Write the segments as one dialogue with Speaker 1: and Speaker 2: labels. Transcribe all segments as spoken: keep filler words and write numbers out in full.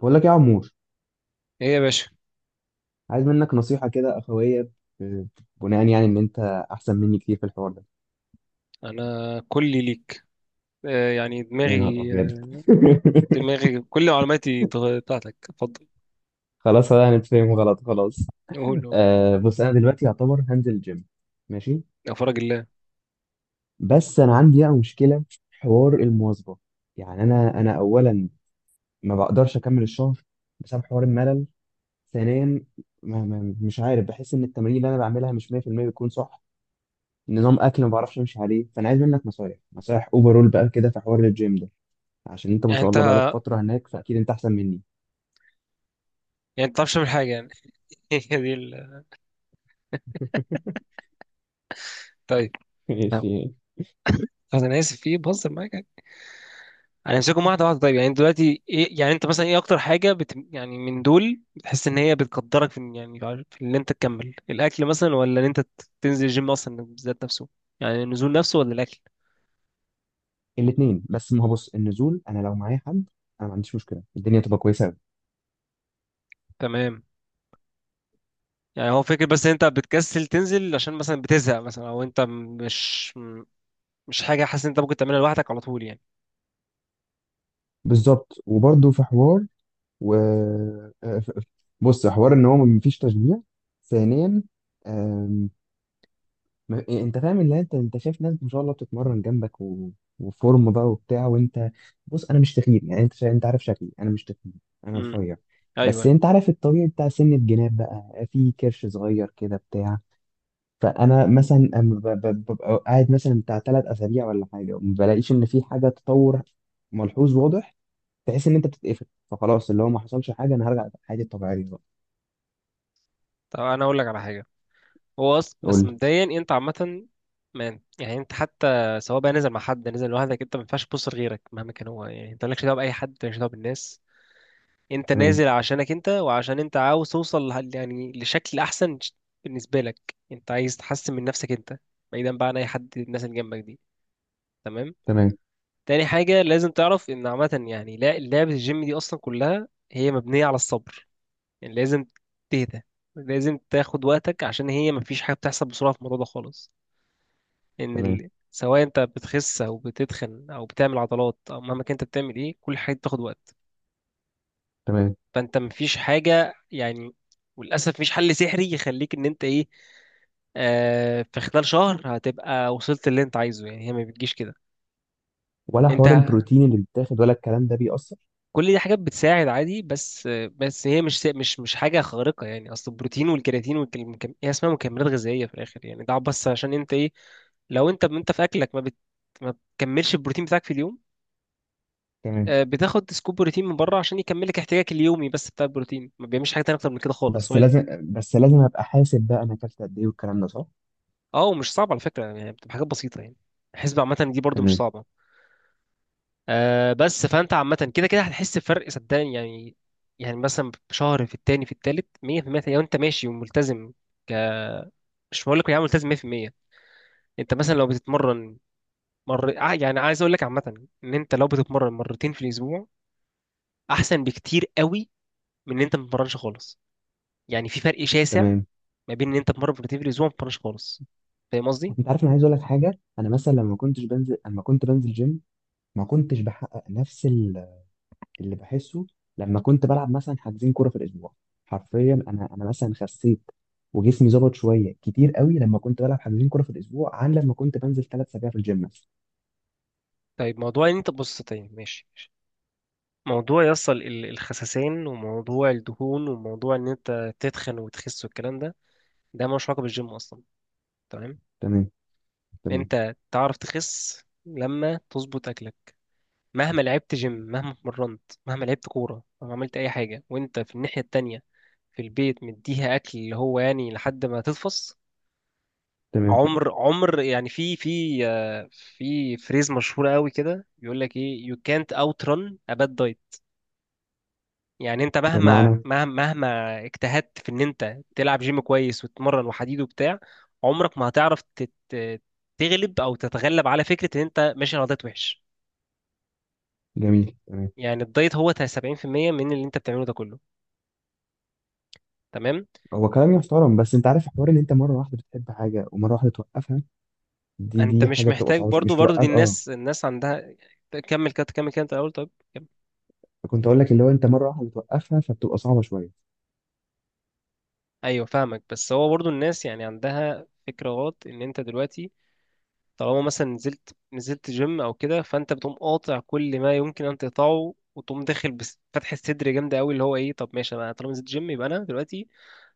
Speaker 1: بقول لك يا عمور،
Speaker 2: ايه يا باشا.
Speaker 1: عايز منك نصيحة كده أخوية. آه، بناء يعني إن أنت أحسن مني كتير في الحوار ده.
Speaker 2: انا كلي ليك. آه يعني
Speaker 1: يا نهار
Speaker 2: دماغي،
Speaker 1: أبيض.
Speaker 2: دماغي كل معلوماتي تغ- بتاعتك، اتفضل.
Speaker 1: خلاص، أنا هنتفهم غلط، خلاص.
Speaker 2: قول قول.
Speaker 1: آه، بص، أنا دلوقتي يعتبر هنزل جيم، ماشي.
Speaker 2: يا فرج الله.
Speaker 1: بس أنا عندي بقى مشكلة في حوار المواظبة. يعني أنا أنا أولا ما بقدرش أكمل الشهر بسبب حوار الملل. ثانيا، ما ما مش عارف، بحس إن التمارين اللي أنا بعملها مش مية في المية بتكون صح. نظام أكل ما بعرفش أمشي عليه، فأنا عايز منك نصايح، نصايح أوفرول بقى كده في حوار الجيم، عشان انت ما
Speaker 2: يعني
Speaker 1: شاء
Speaker 2: انت
Speaker 1: الله بقالك فتره هناك، فاكيد انت احسن مني.
Speaker 2: يعني انت بتعرفش تعمل حاجه يعني هي دي ال... طيب. نعم.
Speaker 1: ماشي.
Speaker 2: طب انا اسف في إيه؟ بهزر معاك يعني. هنمسكهم واحده واحده، طيب. يعني دلوقتي ايه؟ يعني انت مثلا ايه اكتر حاجه بت... يعني من دول بتحس ان هي بتقدرك في إن- يعني في ان انت تكمل الاكل، مثلا، ولا ان انت ت- تنزل الجيم اصلا بالذات نفسه؟ يعني النزول نفسه ولا الاكل؟
Speaker 1: الاثنين. بس ما هو، بص، النزول، انا لو معايا حد، انا ما عنديش مشكله، الدنيا تبقى كويسه قوي.
Speaker 2: تمام. يعني هو فكرة، بس انت بتكسل تنزل عشان مثلا بتزهق مثلا، او انت مش مش حاجة، حاسس ان انت ممكن تعملها لوحدك على طول يعني.
Speaker 1: بالظبط. وبرده في حوار، و آه، ف- بص، حوار ان هو ما فيش تشجيع. ثانيا، آم، ما- إيه، انت فاهم اللي انت انت شايف ناس ما شاء الله بتتمرن جنبك و... وفورم بقى وبتاع، وانت، بص، انا مش تخين. يعني انت شا... انت عارف شكلي، انا مش تخين، انا
Speaker 2: امم.
Speaker 1: رفيع.
Speaker 2: ايوه
Speaker 1: بس
Speaker 2: ايوه.
Speaker 1: انت عارف الطبيعي بتاع سن الجناب، بقى في كرش صغير كده بتاع. فانا مثلا أما ب- ب- ببقى قاعد مثلا بتاع ثلاث اسابيع ولا حاجه، وما بلاقيش ان في حاجه تطور ملحوظ واضح. تحس ان انت بتتقفل، فخلاص، اللي هو ما حصلش حاجه، انا هرجع حياتي الطبيعيه بقى.
Speaker 2: طب انا اقول لك على حاجة. هو أص...
Speaker 1: قول
Speaker 2: بس
Speaker 1: لي.
Speaker 2: مبدئيا انت عامة، ما يعني انت حتى، سواء بقى نزل مع حد نزل لوحدك، انت ما ينفعش تبص لغيرك مهما كان هو. يعني انت مالكش دعوة بأي حد، مالكش دعوة بالناس. انت
Speaker 1: تمام،
Speaker 2: نازل عشانك انت، وعشان انت عاوز توصل لح- يعني لشكل احسن ش- بالنسبة لك. انت عايز تحسن من نفسك انت، بعيدا بقى عن اي حد، الناس اللي جنبك دي. تمام.
Speaker 1: تمام،
Speaker 2: تاني حاجة لازم تعرف إن عامة يعني، لا- لعبة الجيم دي أصلا كلها هي مبنية على الصبر. يعني لازم تهدى، لازم تاخد وقتك، عشان هي مفيش حاجة بتحصل بسرعة في الموضوع ده خالص. إن
Speaker 1: تمام،
Speaker 2: ال... سواء أنت بتخس أو بتتخن أو بتعمل عضلات أو مهما كنت بتعمل إيه، كل حاجة بتاخد وقت.
Speaker 1: تمام.
Speaker 2: فأنت مفيش حاجة يعني، وللأسف مفيش حل سحري يخليك إن أنت إيه، آه في خلال شهر هتبقى وصلت اللي أنت عايزه. يعني هي ما بتجيش كده.
Speaker 1: ولا حوار
Speaker 2: أنت
Speaker 1: البروتين اللي بيتاخد ولا الكلام ده بيأثر؟
Speaker 2: كل دي حاجات بتساعد عادي، بس بس هي مش مش مش حاجه خارقه يعني. اصل البروتين والكرياتين والمكم... هي اسمها مكملات غذائيه في الاخر. يعني ده بس عشان انت ايه، لو انت انت في اكلك ما بت... ما بتكملش البروتين بتاعك في اليوم،
Speaker 1: تمام.
Speaker 2: آه، بتاخد سكوب بروتين من بره عشان يكملك احتياجك اليومي، بس. بتاع البروتين ما بيعملش حاجه تانية اكتر من كده خالص.
Speaker 1: بس
Speaker 2: هو ال-
Speaker 1: لازم بس لازم ابقى حاسب بقى، انا اكلت قد ايه والكلام ده، صح.
Speaker 2: اه. ومش صعب على فكره، يعني بتبقى حاجات بسيطه يعني. الحسبه عامه دي برضو مش
Speaker 1: تمام،
Speaker 2: صعبه. آه، بس فانت عامه كده كده هتحس بفرق، صدقني يعني. يعني مثلا شهر في التاني في التالت، مية بالمية لو انت ماشي وملتزم. ك مش بقول لك يعني ملتزم مئة بالمئة. انت مثلا لو بتتمرن، مر ع- يعني عايز اقول لك عامه، ان انت لو بتتمرن مرتين في الاسبوع احسن بكتير قوي من ان انت ما بتتمرنش خالص. يعني في فرق شاسع
Speaker 1: تمام.
Speaker 2: ما بين ان انت تتمرن مرتين في الاسبوع وما بتتمرنش خالص. فاهم قصدي؟
Speaker 1: انت عارف، انا عايز اقول لك حاجه. انا مثلا لما كنتش بنزل اما كنت بنزل جيم، ما كنتش بحقق نفس اللي بحسه لما كنت بلعب مثلا حاجزين كوره في الاسبوع. حرفيا انا انا مثلا خسيت، وجسمي ظبط شويه كتير قوي لما كنت بلعب حاجزين كوره في الاسبوع، عن لما كنت بنزل ثلاث اسابيع في الجيم مثلا.
Speaker 2: طيب موضوع ان انت، بص طيب ماشي، موضوع يصل ال- الخسسان وموضوع الدهون وموضوع ان انت تتخن وتخس والكلام ده، ده ملوش علاقه بالجيم اصلا. تمام.
Speaker 1: تمام، تمام،
Speaker 2: انت تعرف تخس لما تظبط اكلك. مهما لعبت جيم، مهما اتمرنت، مهما لعبت كوره، مهما عملت اي حاجه، وانت في الناحيه التانية في البيت مديها اكل اللي هو يعني لحد ما تتفص.
Speaker 1: تمام.
Speaker 2: عمر عمر يعني، في في آه، في فريز مشهوره قوي كده بيقول لك ايه، you can't outrun a bad diet. يعني انت مهما
Speaker 1: بمعنى؟
Speaker 2: مهما مهما اجتهدت في ان انت تلعب جيم كويس، وتتمرن، وحديد وبتاع، عمرك ما هتعرف تت- تغلب او تتغلب على فكره ان انت ماشي على دايت وحش.
Speaker 1: جميل. تمام.
Speaker 2: يعني الدايت هو سبعين بالمية من اللي انت بتعمله ده كله. تمام.
Speaker 1: هو كلام يحترم، بس انت عارف حوار ان انت مره واحده بتحب حاجه ومره واحده توقفها، دي
Speaker 2: انت
Speaker 1: دي
Speaker 2: مش
Speaker 1: حاجه بتبقى
Speaker 2: محتاج
Speaker 1: صعبه، شو. مش
Speaker 2: برضو، برضو دي
Speaker 1: توقف، اه.
Speaker 2: الناس، الناس عندها كمل كده، كمل كده، انت الاول طيب، كمل.
Speaker 1: كنت اقول لك، اللي هو انت مره واحده بتوقفها، فبتبقى صعبه شويه.
Speaker 2: ايوه فاهمك، بس هو برضو الناس يعني عندها فكره غلط. ان انت دلوقتي، طالما مثلا نزلت نزلت جيم او كده، فانت بتقوم قاطع كل ما يمكن ان تقطعه، وتقوم داخل بس فتح الصدر جامده قوي. اللي هو ايه، طب ماشي انا طالما نزلت جيم، يبقى انا دلوقتي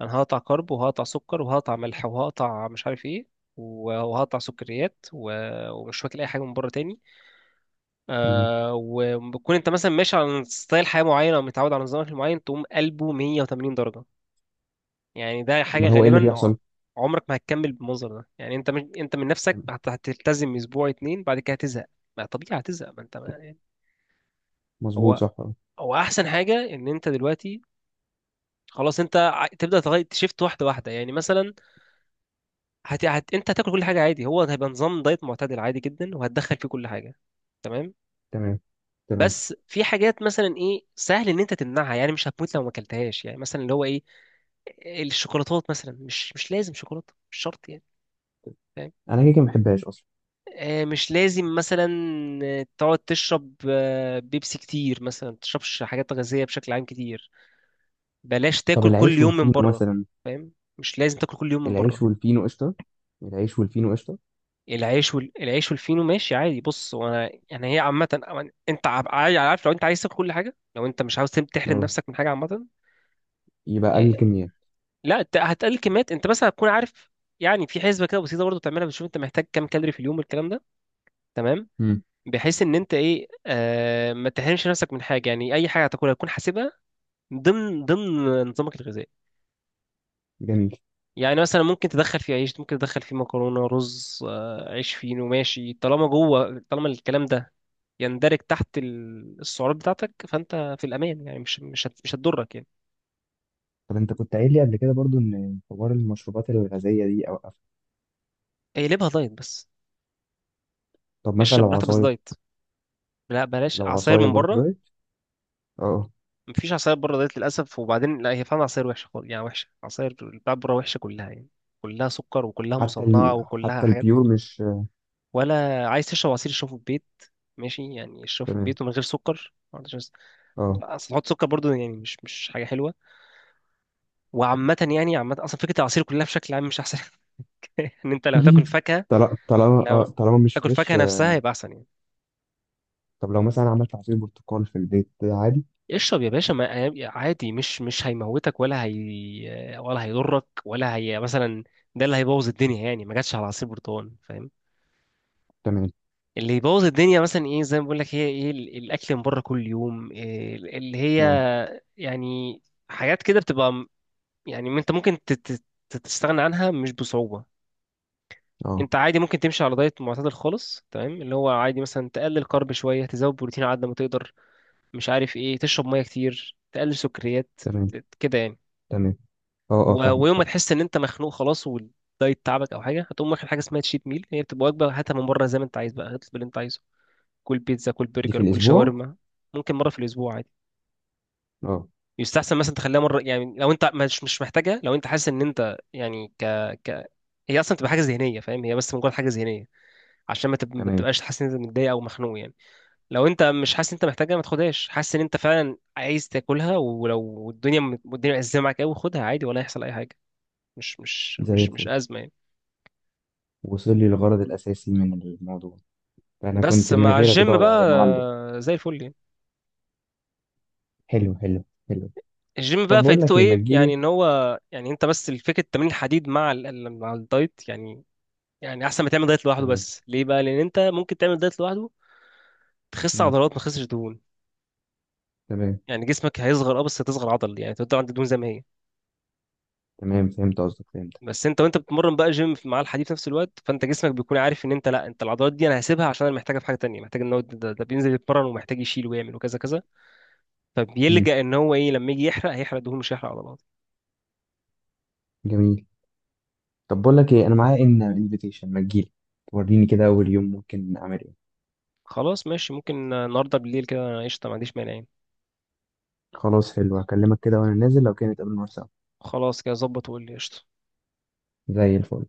Speaker 2: انا هقطع كارب، وهقطع سكر، وهقطع ملح، وهقطع مش عارف ايه، و- وهقطع سكريات، و- ومش واكل اي حاجه من بره تاني.
Speaker 1: تمام.
Speaker 2: آه، وبتكون انت مثلا ماشي على ستايل حياه معين، او متعود على نظام أكل معين، تقوم قلبه مية وتمانين درجه. يعني ده حاجة
Speaker 1: امال هو ايه اللي
Speaker 2: غالبا ع-
Speaker 1: بيحصل؟
Speaker 2: عمرك ما هتكمل بالمنظر ده. يعني انت مش انت من نفسك
Speaker 1: تمام.
Speaker 2: هت- هتلتزم اسبوع اتنين بعد كده هتزهق. ما طبيعي هتزهق، ما انت ما
Speaker 1: تمام.
Speaker 2: يعني.
Speaker 1: مظبوط،
Speaker 2: هو
Speaker 1: صح، اه.
Speaker 2: هو احسن حاجة ان انت دلوقتي خلاص، انت ع- تبدأ تغير تشيفت واحدة واحدة. يعني مثلا هت... هت... انت هتاكل كل حاجة عادي، هو هيبقى نظام دايت معتدل عادي جدا، وهتدخل فيه كل حاجة. تمام.
Speaker 1: تمام، تمام.
Speaker 2: بس في حاجات مثلا ايه، سهل ان انت تمنعها، يعني مش هتموت لو ما اكلتهاش. يعني مثلا اللي هو ايه، الشوكولاتات مثلا، مش مش لازم شوكولاته، مش شرط يعني.
Speaker 1: انا كده كده ما بحبهاش اصلا.
Speaker 2: آه، مش لازم مثلا آه، تقعد تشرب آه، بيبسي كتير مثلا. ما تشربش حاجات غازية بشكل عام كتير. بلاش
Speaker 1: طب
Speaker 2: تاكل كل
Speaker 1: العيش
Speaker 2: يوم من
Speaker 1: والفينو
Speaker 2: بره.
Speaker 1: مثلا؟
Speaker 2: فاهم؟ مش لازم تاكل كل يوم من بره.
Speaker 1: العيش والفينو قشطة. العيش والفينو قشطة.
Speaker 2: العيش وال... العيش والفينو ماشي عادي. بص، وانا يعني هي عامة، أو- انت عب- عاي- عارف، لو انت عايز تاكل كل حاجة، لو انت مش عاوز تم- تحرم
Speaker 1: اه،
Speaker 2: نفسك من حاجة عامة،
Speaker 1: يبقى
Speaker 2: آه،
Speaker 1: أقل الكميات.
Speaker 2: لا ت- هتقلل كميات. انت مثلا هتكون عارف، يعني في حسبة كده بسيطة برضه تعملها، بتشوف انت محتاج كام كالوري في اليوم والكلام ده. تمام.
Speaker 1: مم.
Speaker 2: بحيث ان انت ايه، آه، ما تحرمش نفسك من حاجه. يعني اي حاجه هتاكلها تكون حاسبها ضمن ضمن نظامك الغذائي.
Speaker 1: جميل.
Speaker 2: يعني مثلا ممكن تدخل فيه عيش، ممكن تدخل فيه مكرونه، رز، آه، عيش فينو ماشي، طالما جوه، طالما الكلام ده يندرج تحت ال- السعرات بتاعتك، فانت في الامان يعني. مش مش هت- مش هتضرك يعني.
Speaker 1: طب أنت كنت قايل لي قبل كده برضو إن حوار المشروبات الغازية دي أوقفها.
Speaker 2: اقلبها دايت بس.
Speaker 1: طب مثلا
Speaker 2: اشرب
Speaker 1: لو
Speaker 2: براحتك بس
Speaker 1: عصاير.
Speaker 2: دايت. لا، بلاش
Speaker 1: لو
Speaker 2: عصاير
Speaker 1: عصاير
Speaker 2: من
Speaker 1: برضو
Speaker 2: بره.
Speaker 1: دايت؟ اه.
Speaker 2: مفيش عصاير بره دايت للاسف. وبعدين لا، هي فعلا عصاير وحشه خالص. يعني وحشه، عصاير بتاعت بره وحشه كلها يعني. كلها سكر، وكلها
Speaker 1: حتى
Speaker 2: مصنعة،
Speaker 1: ال...
Speaker 2: وكلها
Speaker 1: حتى
Speaker 2: حاجات.
Speaker 1: البيور، مش
Speaker 2: ولا عايز تشرب عصير اشربه في البيت، ماشي؟ يعني اشربه في
Speaker 1: تمام؟
Speaker 2: البيت ومن غير سكر، ما عندوش ناس-.
Speaker 1: اه.
Speaker 2: اصل تحط سكر برضو يعني، مش مش حاجه حلوه. وعامه يعني، عامه اصلا فكره العصير كلها بشكل عام مش احسن. ان انت لو تاكل فاكهه،
Speaker 1: طال- طالما اه
Speaker 2: لو
Speaker 1: طالما مش
Speaker 2: تاكل
Speaker 1: فريش.
Speaker 2: فاكهه
Speaker 1: آه،
Speaker 2: نفسها يبقى احسن يعني.
Speaker 1: طب لو مثلا عملت عصير برتقال في البيت عادي.
Speaker 2: اشرب يا باشا، ما عادي. مش مش هيموتك ولا هي، ولا هيضرك ولا هي مثلا. ده اللي هيبوظ الدنيا يعني، ما جاتش على عصير برتقال، فاهم؟
Speaker 1: تمام.
Speaker 2: اللي يبوظ الدنيا مثلا ايه، زي ما بقول لك، هي ايه ال- الاكل من بره كل يوم، إيه ال- اللي هي
Speaker 1: اه،
Speaker 2: يعني حاجات كده بتبقى م- يعني انت ممكن ت- ت- ت- تستغنى عنها مش بصعوبة.
Speaker 1: اه.
Speaker 2: انت عادي ممكن تمشي على دايت معتدل خالص، تمام، اللي هو عادي، مثلا تقلل كارب شوية، تزود بروتين على قد ما تقدر، مش عارف ايه، تشرب مية كتير، تقلل سكريات،
Speaker 1: تمام،
Speaker 2: ت- كده يعني.
Speaker 1: تمام. اه، اه،
Speaker 2: و-
Speaker 1: فاهمك،
Speaker 2: ويوم ما
Speaker 1: فاهم.
Speaker 2: تحس ان انت مخنوق خلاص، والدايت تعبك او حاجه، هتقوم واخد حاجه اسمها تشيت ميل. هي بتبقى وجبه هاتها من بره زي ما انت عايز بقى، اطلب اللي انت عايزه، كل بيتزا، كل
Speaker 1: دي في
Speaker 2: برجر، كل
Speaker 1: الأسبوع؟
Speaker 2: شاورما. ممكن مره في الاسبوع عادي.
Speaker 1: اه.
Speaker 2: يستحسن مثلا تخليها مره. يعني لو انت مش مش محتاجها، لو انت حاسس ان انت يعني ك ك هي اصلا تبقى حاجه ذهنيه، فاهم؟ هي بس مجرد حاجه ذهنيه، عشان ما تب- ما
Speaker 1: تمام.
Speaker 2: تبقاش حاسس ان انت متضايق او مخنوق يعني. لو انت مش حاسس ان انت محتاجها ما تاخدهاش. حاسس ان انت فعلا عايز تاكلها ولو الدنيا، الدنيا مأزمة معاك قوي، خدها عادي، ولا هيحصل اي حاجه. مش مش
Speaker 1: زي
Speaker 2: مش مش
Speaker 1: الفل.
Speaker 2: ازمه يعني.
Speaker 1: وصل لي الغرض الأساسي من الموضوع. فأنا
Speaker 2: بس
Speaker 1: كنت من
Speaker 2: مع
Speaker 1: غيرك
Speaker 2: الجيم
Speaker 1: ضايع
Speaker 2: بقى،
Speaker 1: يا معلم.
Speaker 2: آه، زي الفل يعني.
Speaker 1: حلو، حلو. حلو.
Speaker 2: الجيم بقى
Speaker 1: طب بقول
Speaker 2: فايدته
Speaker 1: لك إيه، ما
Speaker 2: ايه يعني،
Speaker 1: تجيلي.
Speaker 2: ان هو يعني انت بس فكره تمرين الحديد مع ال... ال- مع الدايت يعني. يعني احسن ما تعمل دايت لوحده،
Speaker 1: تمام.
Speaker 2: بس ليه بقى؟ لان انت ممكن تعمل دايت لوحده تخس
Speaker 1: مم.
Speaker 2: عضلات ما تخسش دهون.
Speaker 1: تمام،
Speaker 2: يعني جسمك هيصغر اه، بس هتصغر عضل، يعني تفضل عند الدهون زي ما هي.
Speaker 1: تمام، فهمت قصدك، فهمت.
Speaker 2: بس انت وانت بتتمرن بقى جيم في- مع الحديد في نفس الوقت، فانت جسمك بيكون عارف ان انت لا، انت العضلات دي انا هسيبها عشان انا محتاجها في حاجه تانية، محتاج ان هو ده, ده بينزل يتمرن، ومحتاج يشيل ويعمل وكذا كذا.
Speaker 1: مم.
Speaker 2: فبيلجأ ان هو ايه، لما يجي يحرق، هيحرق دهون مش هيحرق عضلات.
Speaker 1: جميل. طب بقول لك إيه، أنا معايا إن انفيتيشن، ما تجيلي، توريني كده أول يوم ممكن أعمل إيه.
Speaker 2: خلاص ماشي، ممكن النهارده بالليل كده، أنا قشطه ما عنديش مانع يعني.
Speaker 1: خلاص، حلو، هكلمك كده وأنا نازل، لو كان نتقابل مرة سوا.
Speaker 2: خلاص كده ظبط، وقول لي. قشطة.
Speaker 1: زي الفل.